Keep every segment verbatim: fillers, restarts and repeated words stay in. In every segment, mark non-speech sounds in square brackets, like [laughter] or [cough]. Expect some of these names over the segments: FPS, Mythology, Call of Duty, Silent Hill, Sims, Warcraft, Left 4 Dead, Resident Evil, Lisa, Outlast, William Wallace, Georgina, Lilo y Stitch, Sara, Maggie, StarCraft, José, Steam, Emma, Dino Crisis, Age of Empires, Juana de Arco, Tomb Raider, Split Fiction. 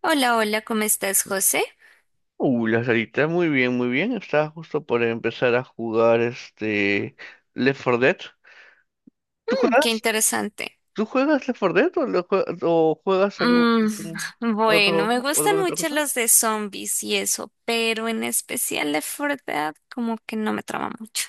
Hola, hola, ¿cómo estás, José? Uh, la salita, muy bien, muy bien. Estaba justo por empezar a jugar este Left cuatro Dead. ¿Tú Mm, qué juegas? interesante. ¿Tú juegas Left cuatro Dead o, lo jue- o juegas algún Mm, [laughs] bueno, me otro, gustan ¿alguna otra mucho cosa? los de zombies y eso, pero en especial de verdad como que no me trama mucho.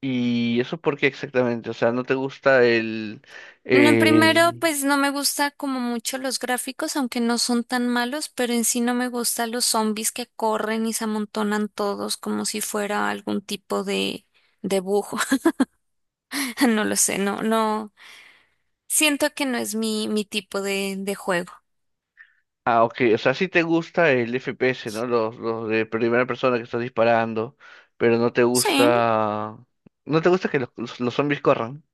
¿Y eso por qué exactamente? O sea, ¿no te gusta el, No, primero, el... pues no me gusta como mucho los gráficos, aunque no son tan malos, pero en sí no me gustan los zombies que corren y se amontonan todos como si fuera algún tipo de de bujo. [laughs] No lo sé, no, no. Siento que no es mi, mi tipo de, de juego. Ah, ok, o sea, sí te gusta el F P S, ¿no? Los, los de primera persona que estás disparando, pero no te Sí. gusta. No te gusta que los, los los zombies corran.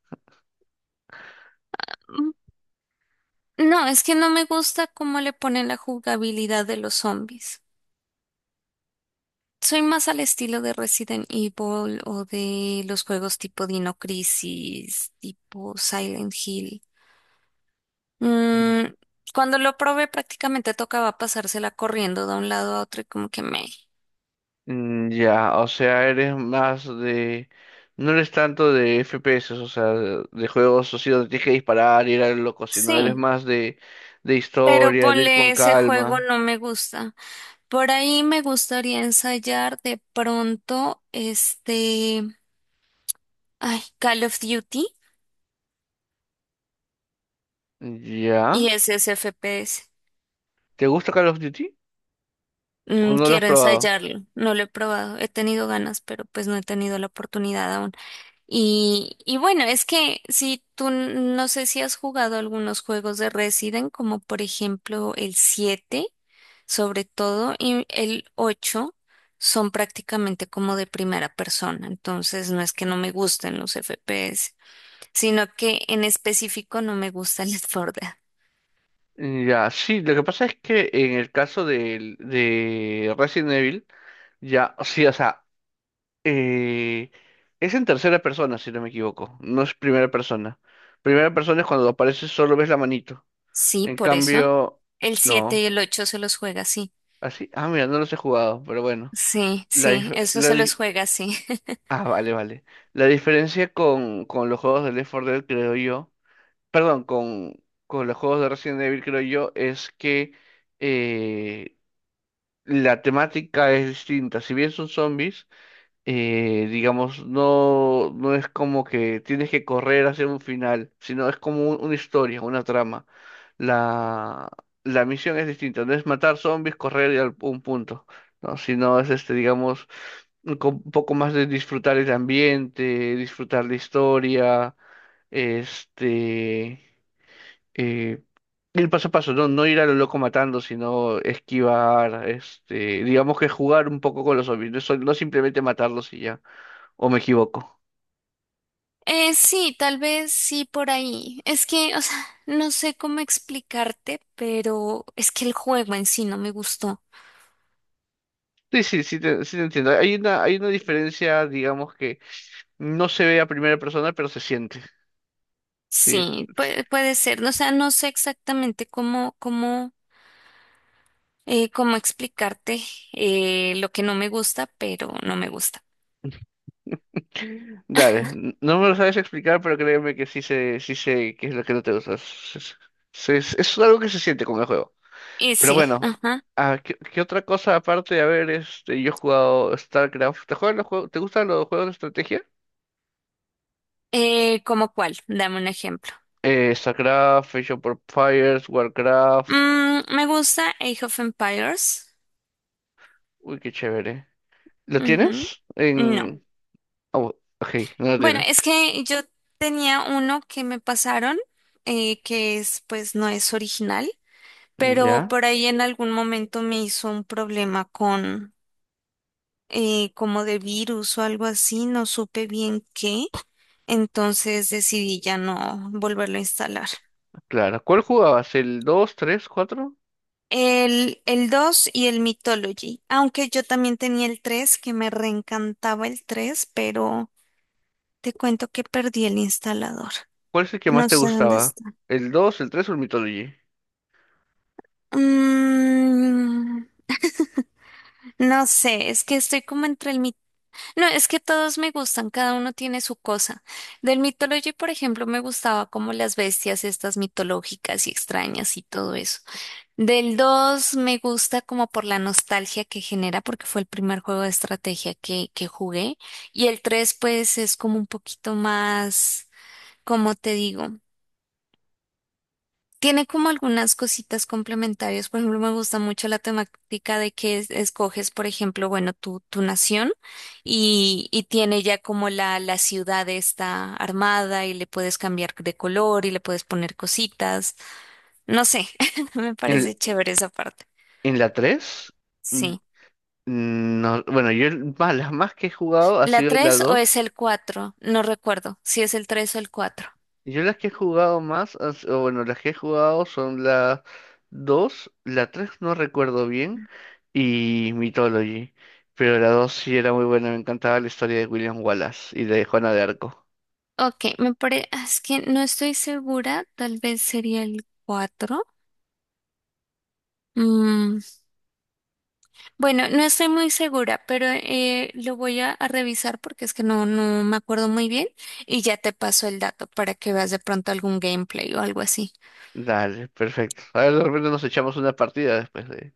No, es que no me gusta cómo le ponen la jugabilidad de los zombies. Soy más al estilo de Resident Evil o de los juegos tipo Dino Crisis, tipo Silent Hill. Mm, cuando lo probé prácticamente tocaba pasársela corriendo de un lado a otro y como que me... Mm, ya, o sea, eres más de. No eres tanto de F P S, o sea, de, de juegos así donde tienes que disparar, ir a loco, sino eres Sí, más de, de pero historia, de ir con ponle ese juego calma. no me gusta. Por ahí me gustaría ensayar de pronto este... Ay, Call of Duty y Ya. ese es F P S. ¿Te gusta Call of Duty? ¿O Mm, no lo has quiero probado? ensayarlo, no lo he probado, he tenido ganas, pero pues no he tenido la oportunidad aún. Y, y bueno, es que si tú n- no sé si has jugado algunos juegos de Resident, como por ejemplo el siete, sobre todo, y el ocho, son prácticamente como de primera persona, entonces no es que no me gusten los F P S, sino que en específico no me gusta [laughs] el Forda. Ya, sí, lo que pasa es que en el caso del- de, Resident Evil, ya, sí, o sea, eh, es en tercera persona, si no me equivoco, no es primera persona. Primera persona es cuando apareces solo ves la manito. Sí, En por eso. cambio, El siete y no. el ocho se los juega así. Así, ah, mira, no los he jugado, pero bueno. Sí, La sí, dif- eso la se los di- juega, sí. [laughs] ah, vale, vale. La diferencia con, con los juegos de Left cuatro Dead, creo yo, perdón, con, con los juegos de Resident Evil, creo yo, es que eh, la temática es distinta. Si bien son zombies, eh, digamos, no, no es como que tienes que correr hacia un final, sino es como un- una historia, una trama. La, la misión es distinta, no es matar zombies, correr y al un punto, ¿no? Sino es este, digamos, un co- un poco más de disfrutar el ambiente, disfrutar la historia, este, eh, ir paso a paso, no, no ir a lo loco matando, sino esquivar, este, digamos que jugar un poco con los zombies, no, sol- no simplemente matarlos y ya. ¿O me equivoco? Eh, sí, tal vez sí por ahí. Es que, o sea, no sé cómo explicarte, pero es que el juego en sí no me gustó. Sí, sí, sí te, sí te entiendo. Hay una, hay una diferencia, digamos, que no se ve a primera persona, pero se siente. Sí. Sí, puede, puede ser. No, o sea, no sé exactamente cómo, cómo, eh, cómo explicarte eh, lo que no me gusta, pero no me gusta. [laughs] Dale, n- no me lo sabes explicar, pero créeme que sí sé, sí sé qué es lo que no te gusta. Es, es- es- es algo que se siente con el juego. Y Pero sí, bueno, ajá. ah, ¿qué, ¿qué otra cosa aparte de haber, este, yo he jugado StarCraft? ¿Te juegan los juegos, te gustan los juegos de estrategia? Eh, ¿cómo cuál? Dame un ejemplo. Eh, StarCraft, Age of Empires, Warcraft. Mm, me gusta Age of Empires. Uy, qué chévere. ¿Lo Ujú. tienes? No. En. Oh, ok, no lo Bueno, tienes. es que yo tenía uno que me pasaron, eh, que es, pues no es original, pero Ya, por ahí en algún momento me hizo un problema con eh, como de virus o algo así, no supe bien qué, entonces decidí ya no volverlo a instalar. claro. ¿Cuál jugabas? ¿El dos, tres, cuatro? El, el dos y el Mythology, aunque yo también tenía el tres que me reencantaba el tres, pero te cuento que perdí el instalador. ¿Cuál es el que más No te sé dónde gustaba? está. ¿El dos, el tres o el Mythology? Mm, No sé, es que estoy como entre el mito. No, es que todos me gustan, cada uno tiene su cosa. Del Mythology, por ejemplo, me gustaba como las bestias estas mitológicas y extrañas y todo eso. Del dos me gusta como por la nostalgia que genera, porque fue el primer juego de estrategia que, que jugué. Y el tres, pues es como un poquito más, ¿como te digo? Tiene como algunas cositas complementarias. Por ejemplo, me gusta mucho la temática de que es- escoges, por ejemplo, bueno, tu, tu nación y, y tiene ya como la, la ciudad está armada y le puedes cambiar de color y le puedes poner cositas. No sé, [laughs] me ¿En, parece el- chévere esa parte. en la tres? Mm, Sí. no, bueno, yo el- más, las más que he jugado ha ¿La sido la tres o es dos. el cuatro? No recuerdo si es el tres o el cuatro. Yo las que he jugado más, han s- o bueno, las que he jugado son la dos, la tres no recuerdo bien, y Mythology. Pero la dos sí era muy buena, me encantaba la historia de William Wallace y de Juana de Arco. Ok, me parece, es que no estoy segura, tal vez sería el cuatro. Mm, Bueno, no estoy muy segura, pero eh, lo voy a, a revisar porque es que no, no me acuerdo muy bien y ya te paso el dato para que veas de pronto algún gameplay o algo así. Dale, perfecto. A ver, de repente nos echamos una partida después de,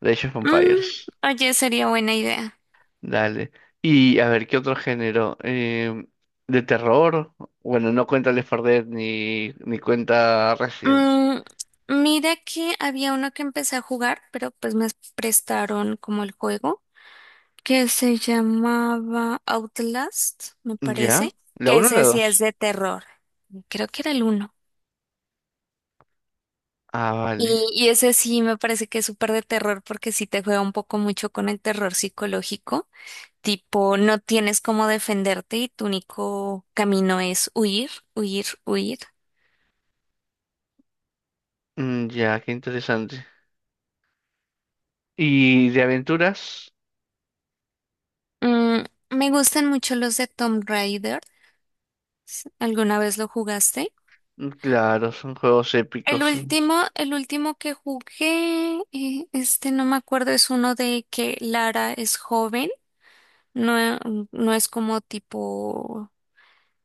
de Age of Mm, Empires. oye, sería buena idea. Dale. Y a ver, ¿qué otro género? Em, ¿de terror? Bueno, no cuenta Left cuatro Dead ni, ni cuenta Resident. Mm, mira que había uno que empecé a jugar, pero pues me prestaron como el juego, que se llamaba Outlast, me ¿Ya? parece, ¿La que uno o la ese sí es dos? de terror. Creo que era el uno. Ah, vale. Y, y ese sí me parece que es súper de terror porque sí te juega un poco mucho con el terror psicológico, tipo no tienes cómo defenderte y tu único camino es huir, huir, huir. Mm, ya, qué interesante. ¿Y de aventuras? Mm, me gustan mucho los de Tomb Raider. ¿Alguna vez lo jugaste? Mm, claro, son juegos El épicos. último, el último que jugué, eh, este no me acuerdo, es uno de que Lara es joven, no, no es como tipo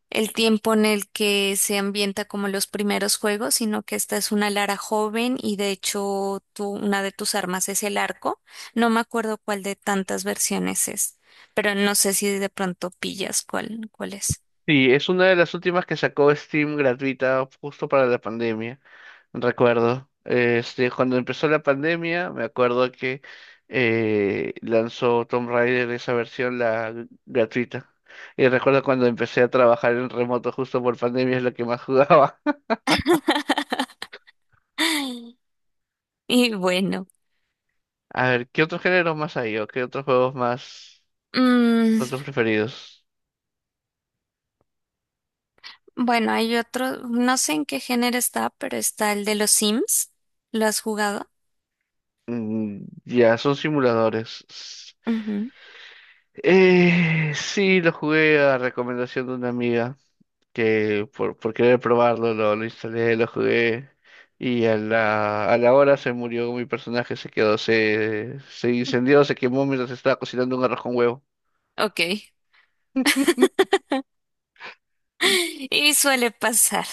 el tiempo en el que se ambienta como los primeros juegos, sino que esta es una Lara joven y de hecho tú- una de tus armas es el arco. No me acuerdo cuál de tantas versiones es, pero no sé si de pronto pillas cuál, cuál es. Sí, es una de las últimas que sacó Steam gratuita justo para la pandemia. Recuerdo, este, cuando empezó la pandemia, me acuerdo que eh, lanzó Tomb Raider esa versión la gr- gratuita. Y recuerdo cuando empecé a trabajar en remoto justo por pandemia es lo que más jugaba. [laughs] Y bueno, [laughs] A ver, ¿qué otros géneros más hay o qué otros juegos más, mm, otros preferidos? bueno, hay otro, no sé en qué género está, pero está el de los Sims. ¿Lo has jugado? Mm, ya, son simuladores. S- Ujú. Eh, sí, lo jugué a recomendación de una amiga, que por, por querer probarlo lo, lo instalé, lo jugué y a la, a la hora se murió mi personaje, se quedó, se, se incendió, se quemó mientras estaba cocinando un arroz con huevo. Ok. [laughs] Y [laughs] Y suele pasar.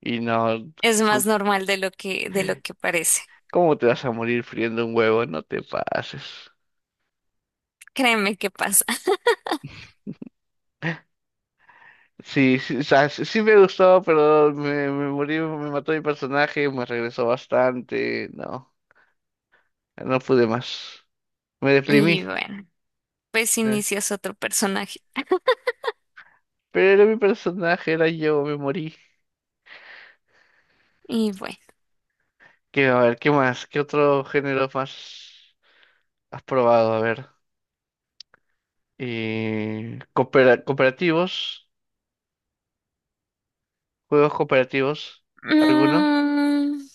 y no, Es co- más normal de lo que, de lo que parece. ¿cómo te vas a morir friendo un huevo? No te pases. Créeme qué pasa. Sí, sí, o sea, sí sí me gustó, pero me, me morí, me mató mi personaje, me regresó bastante, no, no pude más, me Y deprimí. bueno, pues eh, inicias otro personaje. Pero era mi personaje, era yo, me morí. Y bueno. Que, a ver, ¿qué más? ¿Qué otro género más has probado? A ver. Eh, coopera- cooperativos, juegos cooperativos, ¿alguno? mm,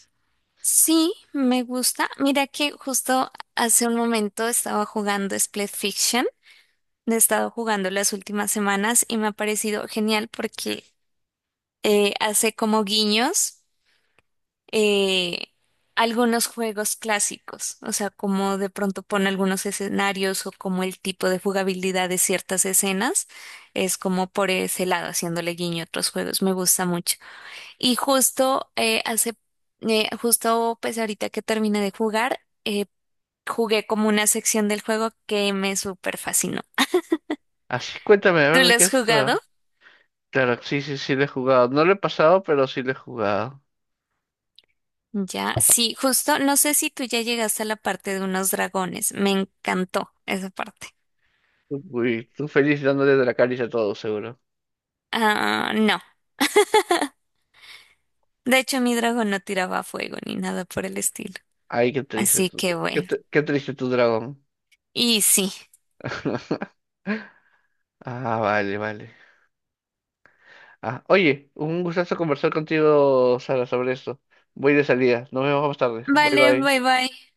sí, me gusta. Mira que justo hace un momento estaba jugando Split Fiction. He estado jugando las últimas semanas y me ha parecido genial porque eh, hace como guiños. eh, algunos juegos clásicos, o sea, como de pronto pone algunos escenarios o como el tipo de jugabilidad de ciertas escenas, es como por ese lado, haciéndole guiño a otros juegos, me gusta mucho. Y justo eh, hace, eh, justo pues ahorita que terminé de jugar, eh, jugué como una sección del juego que me súper fascinó. Así, cuéntame, a ¿Tú ver, ¿de lo qué has se trata? jugado? Claro, sí, sí, sí, lo he jugado. No lo he pasado, pero sí lo he jugado. Ya, sí, justo, no sé si tú ya llegaste a la parte de unos dragones, me encantó esa parte. Uy, tú feliz dándole de la caricia a todos seguro. Ah, no. De hecho, mi dragón no tiraba fuego ni nada por el estilo. Ay, qué triste Así tu, que qué, bueno. tr- qué triste tu dragón. Y sí. [laughs] Ah, vale, vale. Ah, oye, un gustazo conversar contigo, Sara, sobre esto. Voy de salida. Nos vemos más tarde. Bye, Vale, bye. bye bye.